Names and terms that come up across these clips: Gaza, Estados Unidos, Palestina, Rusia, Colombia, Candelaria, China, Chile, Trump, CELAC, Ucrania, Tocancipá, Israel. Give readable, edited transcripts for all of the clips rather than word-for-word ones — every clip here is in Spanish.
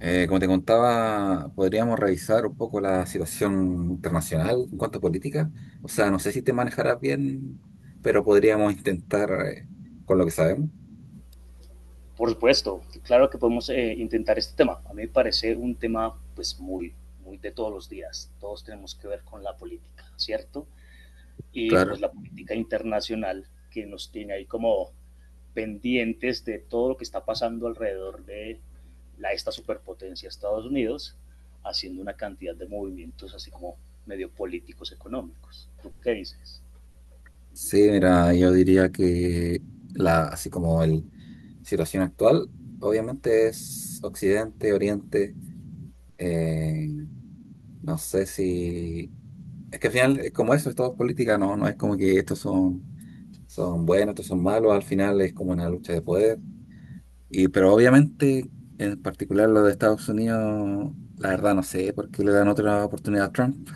Como te contaba, podríamos revisar un poco la situación internacional en cuanto a política. O sea, no sé si te manejarás bien, pero podríamos intentar con lo que sabemos. Por supuesto, claro que podemos intentar este tema. A mí me parece un tema pues muy de todos los días. Todos tenemos que ver con la política, ¿cierto? Y pues la política internacional que nos tiene ahí como pendientes de todo lo que está pasando alrededor de esta superpotencia Estados Unidos, haciendo una cantidad de movimientos así como medio políticos económicos. ¿Tú qué dices? Sí, mira, yo diría que la, así como la situación actual, obviamente es Occidente, Oriente. eh, no sé si... Es que al final, como eso, es todo política, ¿no? No es como que son buenos, estos son malos. Al final es como una lucha de poder. Pero obviamente, en particular lo de Estados Unidos, la verdad no sé por qué le dan otra oportunidad a Trump.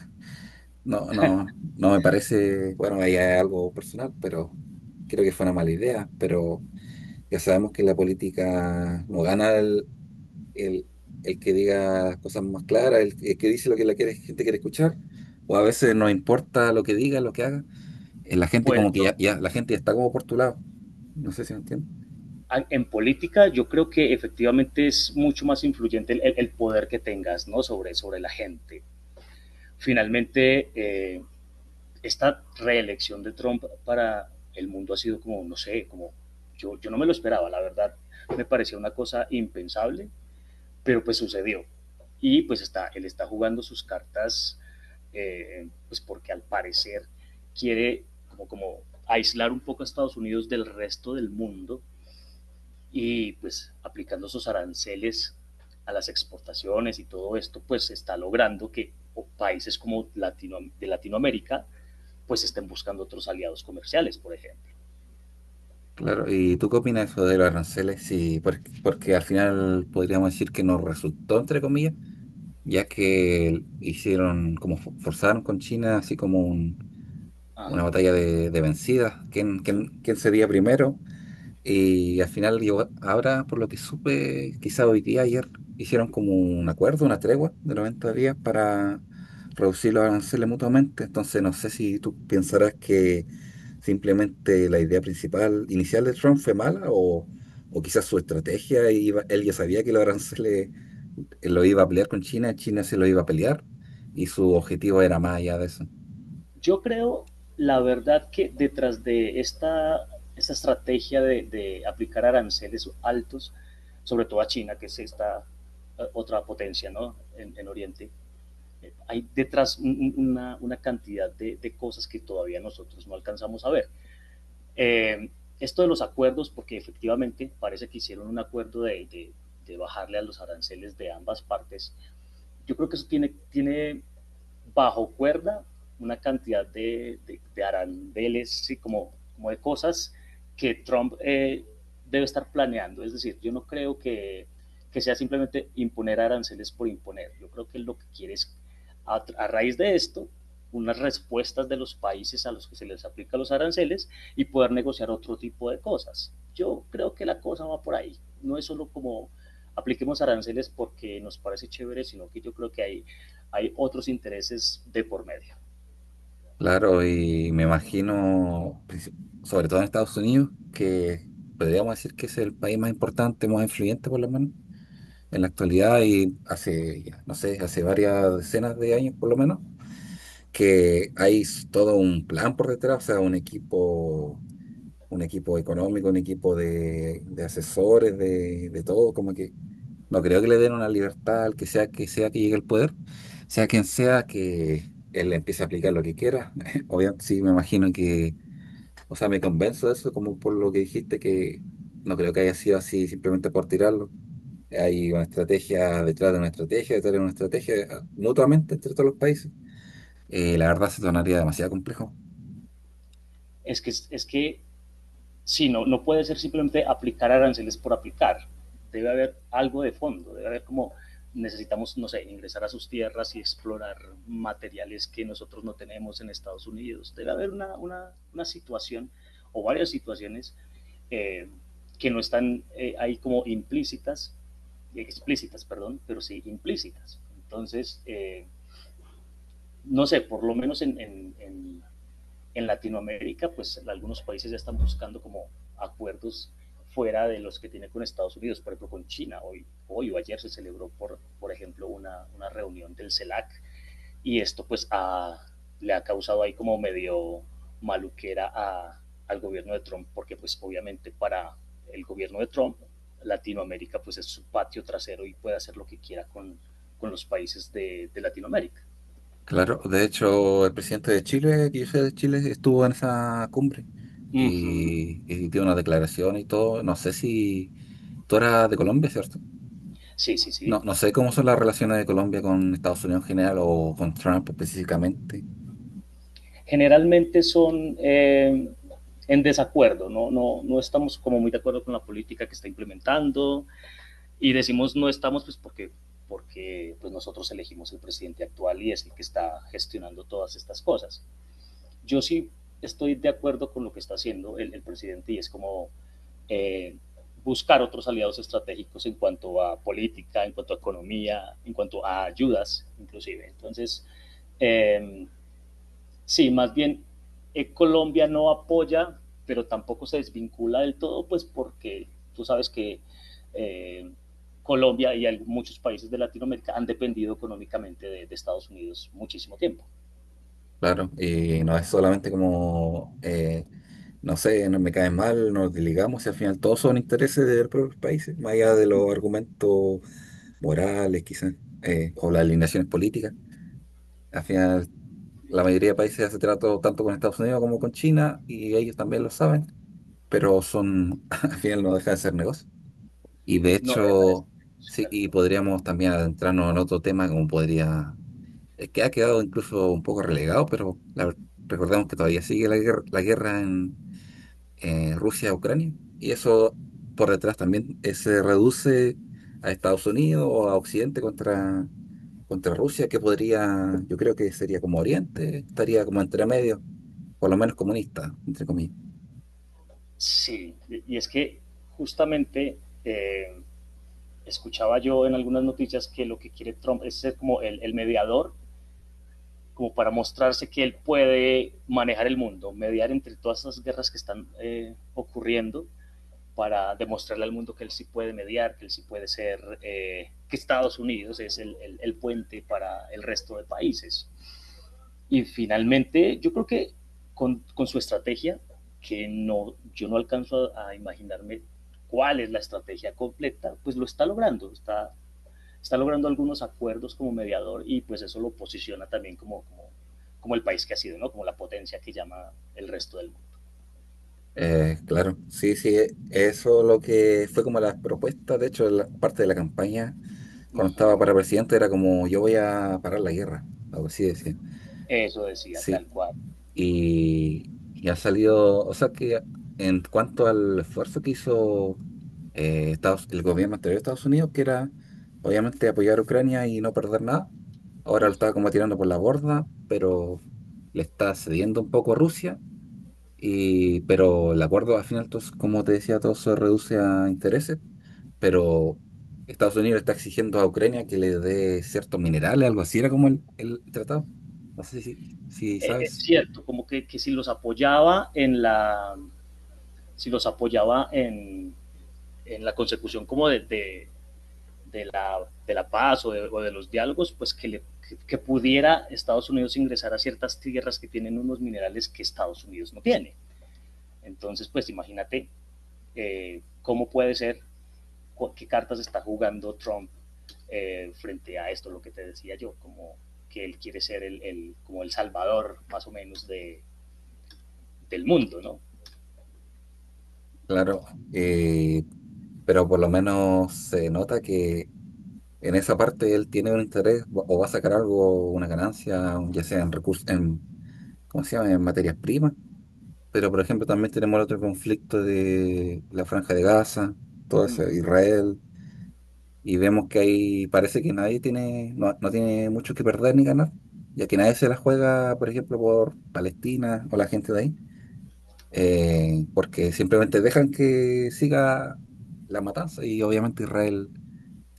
No, no, no me parece, bueno, ahí hay algo personal, pero creo que fue una mala idea. Pero ya sabemos que en la política no gana el, el que diga las cosas más claras, el que dice lo que gente quiere escuchar, o a veces no importa lo que diga, lo que haga, la gente Pues la gente ya está como por tu lado. No sé si me entiendes. en política yo creo que efectivamente es mucho más influyente el poder que tengas, ¿no? Sobre la gente. Finalmente, esta reelección de Trump para el mundo ha sido como, no sé, como yo no me lo esperaba, la verdad me parecía una cosa impensable, pero pues sucedió. Y pues está, él está jugando sus cartas, pues porque al parecer quiere como aislar un poco a Estados Unidos del resto del mundo y pues aplicando esos aranceles a las exportaciones y todo esto, pues está logrando que o países como Latino, de Latinoamérica, pues estén buscando otros aliados comerciales, por ejemplo. Claro, ¿y tú qué opinas de eso de los aranceles? Si que al final podríamos decir que nos resultó, entre comillas, ya que hicieron, como forzaron con China, así como una Ajá. batalla de vencidas. Quién cedía primero? Y al final, ahora, por lo que supe, quizá hoy día, ayer, hicieron como un acuerdo, una tregua de 90 días para reducir los aranceles mutuamente. Entonces, no sé si tú pensarás que simplemente la idea principal, inicial de Trump fue mala o quizás su estrategia, él ya sabía que los aranceles lo iba a pelear con China, China se lo iba a pelear y su objetivo era más allá de eso. Yo creo, la verdad, que detrás de esta estrategia de, aplicar aranceles altos, sobre todo a China, que es esta, otra potencia, ¿no? En Oriente, hay detrás una cantidad de cosas que todavía nosotros no alcanzamos a ver. Eh, Esto de los acuerdos, porque efectivamente parece que hicieron un acuerdo de bajarle a los aranceles de ambas partes, yo creo que eso tiene bajo cuerda una cantidad de arandeles y como de cosas que Trump debe estar planeando. Es decir, yo no creo que sea simplemente imponer aranceles por imponer. Yo creo que lo que quiere es, a raíz de esto, unas respuestas de los países a los que se les aplica los aranceles y poder negociar otro tipo de cosas. Yo creo que la cosa va por ahí. No es solo como apliquemos aranceles porque nos parece chévere, sino que yo creo que hay otros intereses de por medio. Claro, y me imagino sobre todo en Estados Unidos, que podríamos decir que es el país más importante, más influyente por lo menos en la actualidad y hace, ya, no sé, hace varias decenas de años por lo menos, que todo un plan por detrás, o sea, un equipo económico, un equipo de asesores, de todo, como que no creo que le den una libertad al que sea que sea que llegue al poder, sea quien sea que él empiece a aplicar lo que quiera. Obviamente, sí, me imagino que, o sea, me convenzo de eso como por lo que dijiste que no creo que haya sido así simplemente por tirarlo. Hay una estrategia detrás de una estrategia, detrás de una estrategia, mutuamente entre todos los países. La verdad se tornaría demasiado complejo. Es que sí, no, no puede ser simplemente aplicar aranceles por aplicar. Debe haber algo de fondo, debe haber como necesitamos, no sé, ingresar a sus tierras y explorar materiales que nosotros no tenemos en Estados Unidos. Debe haber una situación o varias situaciones, eh, que no están ahí como implícitas, explícitas, perdón, pero sí implícitas. Entonces, no sé, por lo menos en Latinoamérica, pues algunos países ya están buscando como acuerdos fuera de los que tiene con Estados Unidos, por ejemplo con China. Hoy o ayer se celebró, por ejemplo, una reunión del CELAC, y esto pues le ha causado ahí como medio maluquera al gobierno de Trump, porque pues obviamente para el gobierno de Trump, Latinoamérica pues es su patio trasero y puede hacer lo que quiera con los países de Latinoamérica. Claro, de hecho, el presidente de Chile, que yo sé de Chile, estuvo en esa cumbre Uh -huh. y dio una declaración y todo. No sé si tú eras de Colombia, ¿cierto? Sí, sí, No, sí. no sé cómo son las relaciones de Colombia con Estados Unidos en general o con Trump. Generalmente son, en desacuerdo, ¿no? No, no estamos como muy de acuerdo con la política que está implementando y decimos no estamos pues porque pues nosotros elegimos el presidente actual y es el que está gestionando todas estas cosas. Yo sí estoy de acuerdo con lo que está haciendo el presidente y es como eh, buscar otros aliados estratégicos en cuanto a política, en cuanto a economía, en cuanto a ayudas inclusive. Entonces, eh, sí, más bien, Colombia no apoya, pero tampoco se desvincula del todo, pues porque tú sabes que eh, Colombia y al- muchos países de Latinoamérica han dependido económicamente de Estados Unidos muchísimo tiempo. Claro, y no es solamente como, no sé, no me cae mal, nos desligamos y al final todos son intereses de los propios países, más allá de los argumentos morales quizás, o las alineaciones políticas. Al final la mayoría de países hace trato tanto con Estados Unidos como con China y ellos también lo saben, pero son, al final no deja de ser negocio. Y de No deja de ser hecho, sí, sí, tal y cual. podríamos también adentrarnos en otro tema como podría, que ha quedado incluso un poco relegado, pero recordemos que todavía sigue la guerra, la guerra en Rusia-Ucrania. Y eso por detrás también se reduce a Estados Unidos o a Occidente contra Rusia, que podría, yo creo que sería como Oriente, estaría como entre medio, por lo menos comunista, entre comillas. Sí, y es que justamente, eh, escuchaba yo en algunas noticias que lo que quiere Trump es ser como el mediador, como para mostrarse que él puede manejar el mundo, mediar entre todas esas guerras que están ocurriendo, para demostrarle al mundo que él sí puede mediar, que él sí puede ser, que Estados Unidos es el puente para el resto de países. Y finalmente, yo creo que con su estrategia, que no, yo no alcanzo a imaginarme cuál es la estrategia completa, pues lo está logrando, está logrando algunos acuerdos como mediador y pues eso lo posiciona también como el país que ha sido, ¿no? Como la potencia que llama el resto del Claro, sí, sí, eso lo que fue como la... De hecho, la parte de la campaña no mundo. Uh estaba -huh. para presidente, era como yo voy a parar la guerra, por así decía. Eso decía tal cual. Ha salido, o sea que en cuanto hizo el gobierno anterior de Estados Unidos, que era obviamente apoyar a Ucrania y no perder nada, Uh ahora lo -huh. está como tirando por la borda, pero le está cediendo un poco a Rusia, y, pero el acuerdo al final, como te decía, todo se reduce a intereses, pero Estados Unidos está exigiendo a Ucrania que le dé ciertos minerales, algo así, era como el, no sé si, si, Eh, sa- es cierto, como si los apoyaba en si los apoyaba en la consecución como de la paz o de, o de los diálogos, pues que pudiera Estados Unidos ingresar a ciertas tierras que tienen unos minerales que Estados Unidos no tiene. Entonces, pues imagínate, cómo puede ser, qué cartas está jugando Trump, frente a esto, lo que te decía yo, como que él quiere ser el como el salvador más o menos del mundo, ¿no? Claro, eh, pero por lo menos se nota que en esa parte él tiene un interés o va a sacar algo, una ganancia, ya sea en recursos, en, ¿cómo se llama? En materias primas. Pero, por ejemplo, también tenemos el otro conflicto de la Franja de Gaza, todo eso, Israel, y vemos que ahí parece que nadie tiene, no, no tiene mucho que perder ni ganar, ya que nadie se la juega, por ejemplo, por Palestina o la gente de ahí, porque simplemente dejan que siga la matanza y obviamente Israel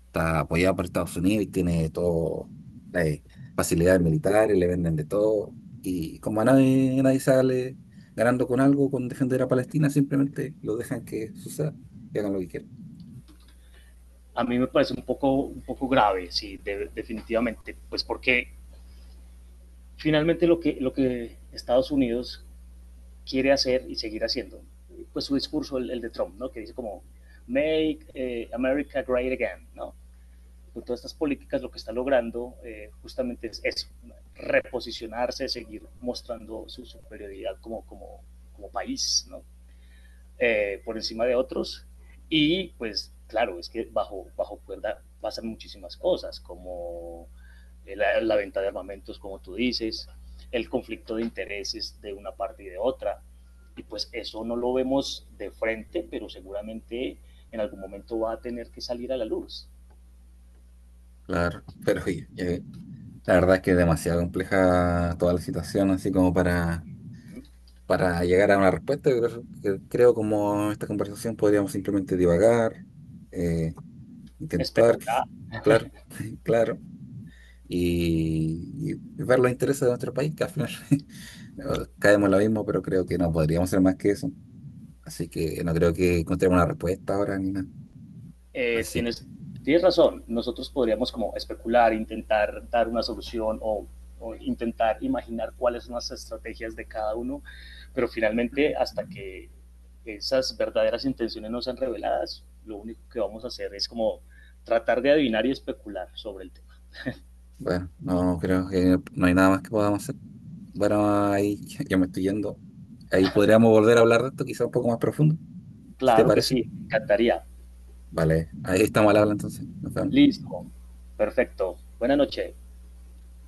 está apoyado por Estados Unidos y tiene todo las facilidades militares, le venden de todo. Y como a nadie, nadie sale ganando con algo, con defender a Palestina, simplemente lo dejan que hagan lo que quieran. A mí me parece un poco grave, sí, de, definitivamente, pues porque finalmente lo que Estados Unidos quiere hacer y seguir haciendo, pues su discurso, el de Trump, ¿no? Que dice como, make America great again, ¿no? Con todas estas políticas lo que está logrando, justamente es eso, reposicionarse, seguir mostrando su superioridad como país, ¿no? Por encima de otros. Y pues claro, es que bajo cuerda pasan muchísimas cosas, como la venta de armamentos, como tú dices, el conflicto de intereses de una parte y de otra. Y pues eso no lo vemos de frente, pero seguramente en algún momento va a tener que salir a la luz. Claro, pero oye, la verdad es que es demasiado compleja toda la situación, así como para llegar a una respuesta. Creo como esta conversación podríamos simplemente divagar, eh, intent- Especular, claro, y ver los intereses de nuestro. Caemos en lo mismo, pero creo que no podríamos ser más que eso. Así que no creo que encontremos una respuesta ahora ni nada. eh, tienes, tienes razón, nosotros podríamos como especular, intentar dar una solución o intentar imaginar cuáles son las estrategias de cada uno, pero finalmente hasta que esas verdaderas intenciones no sean reveladas, lo único que vamos a hacer es como tratar de adivinar y especular sobre el tema. Bueno, no creo que no hay nada más que podamos hacer. Bueno, ahí ya me estoy yendo. Ahí podríamos volver a hablar de esto, quizá un poco más profundo. Claro que sí, encantaría. Vale, ahí estamos al habla. Listo, perfecto. Buenas noches.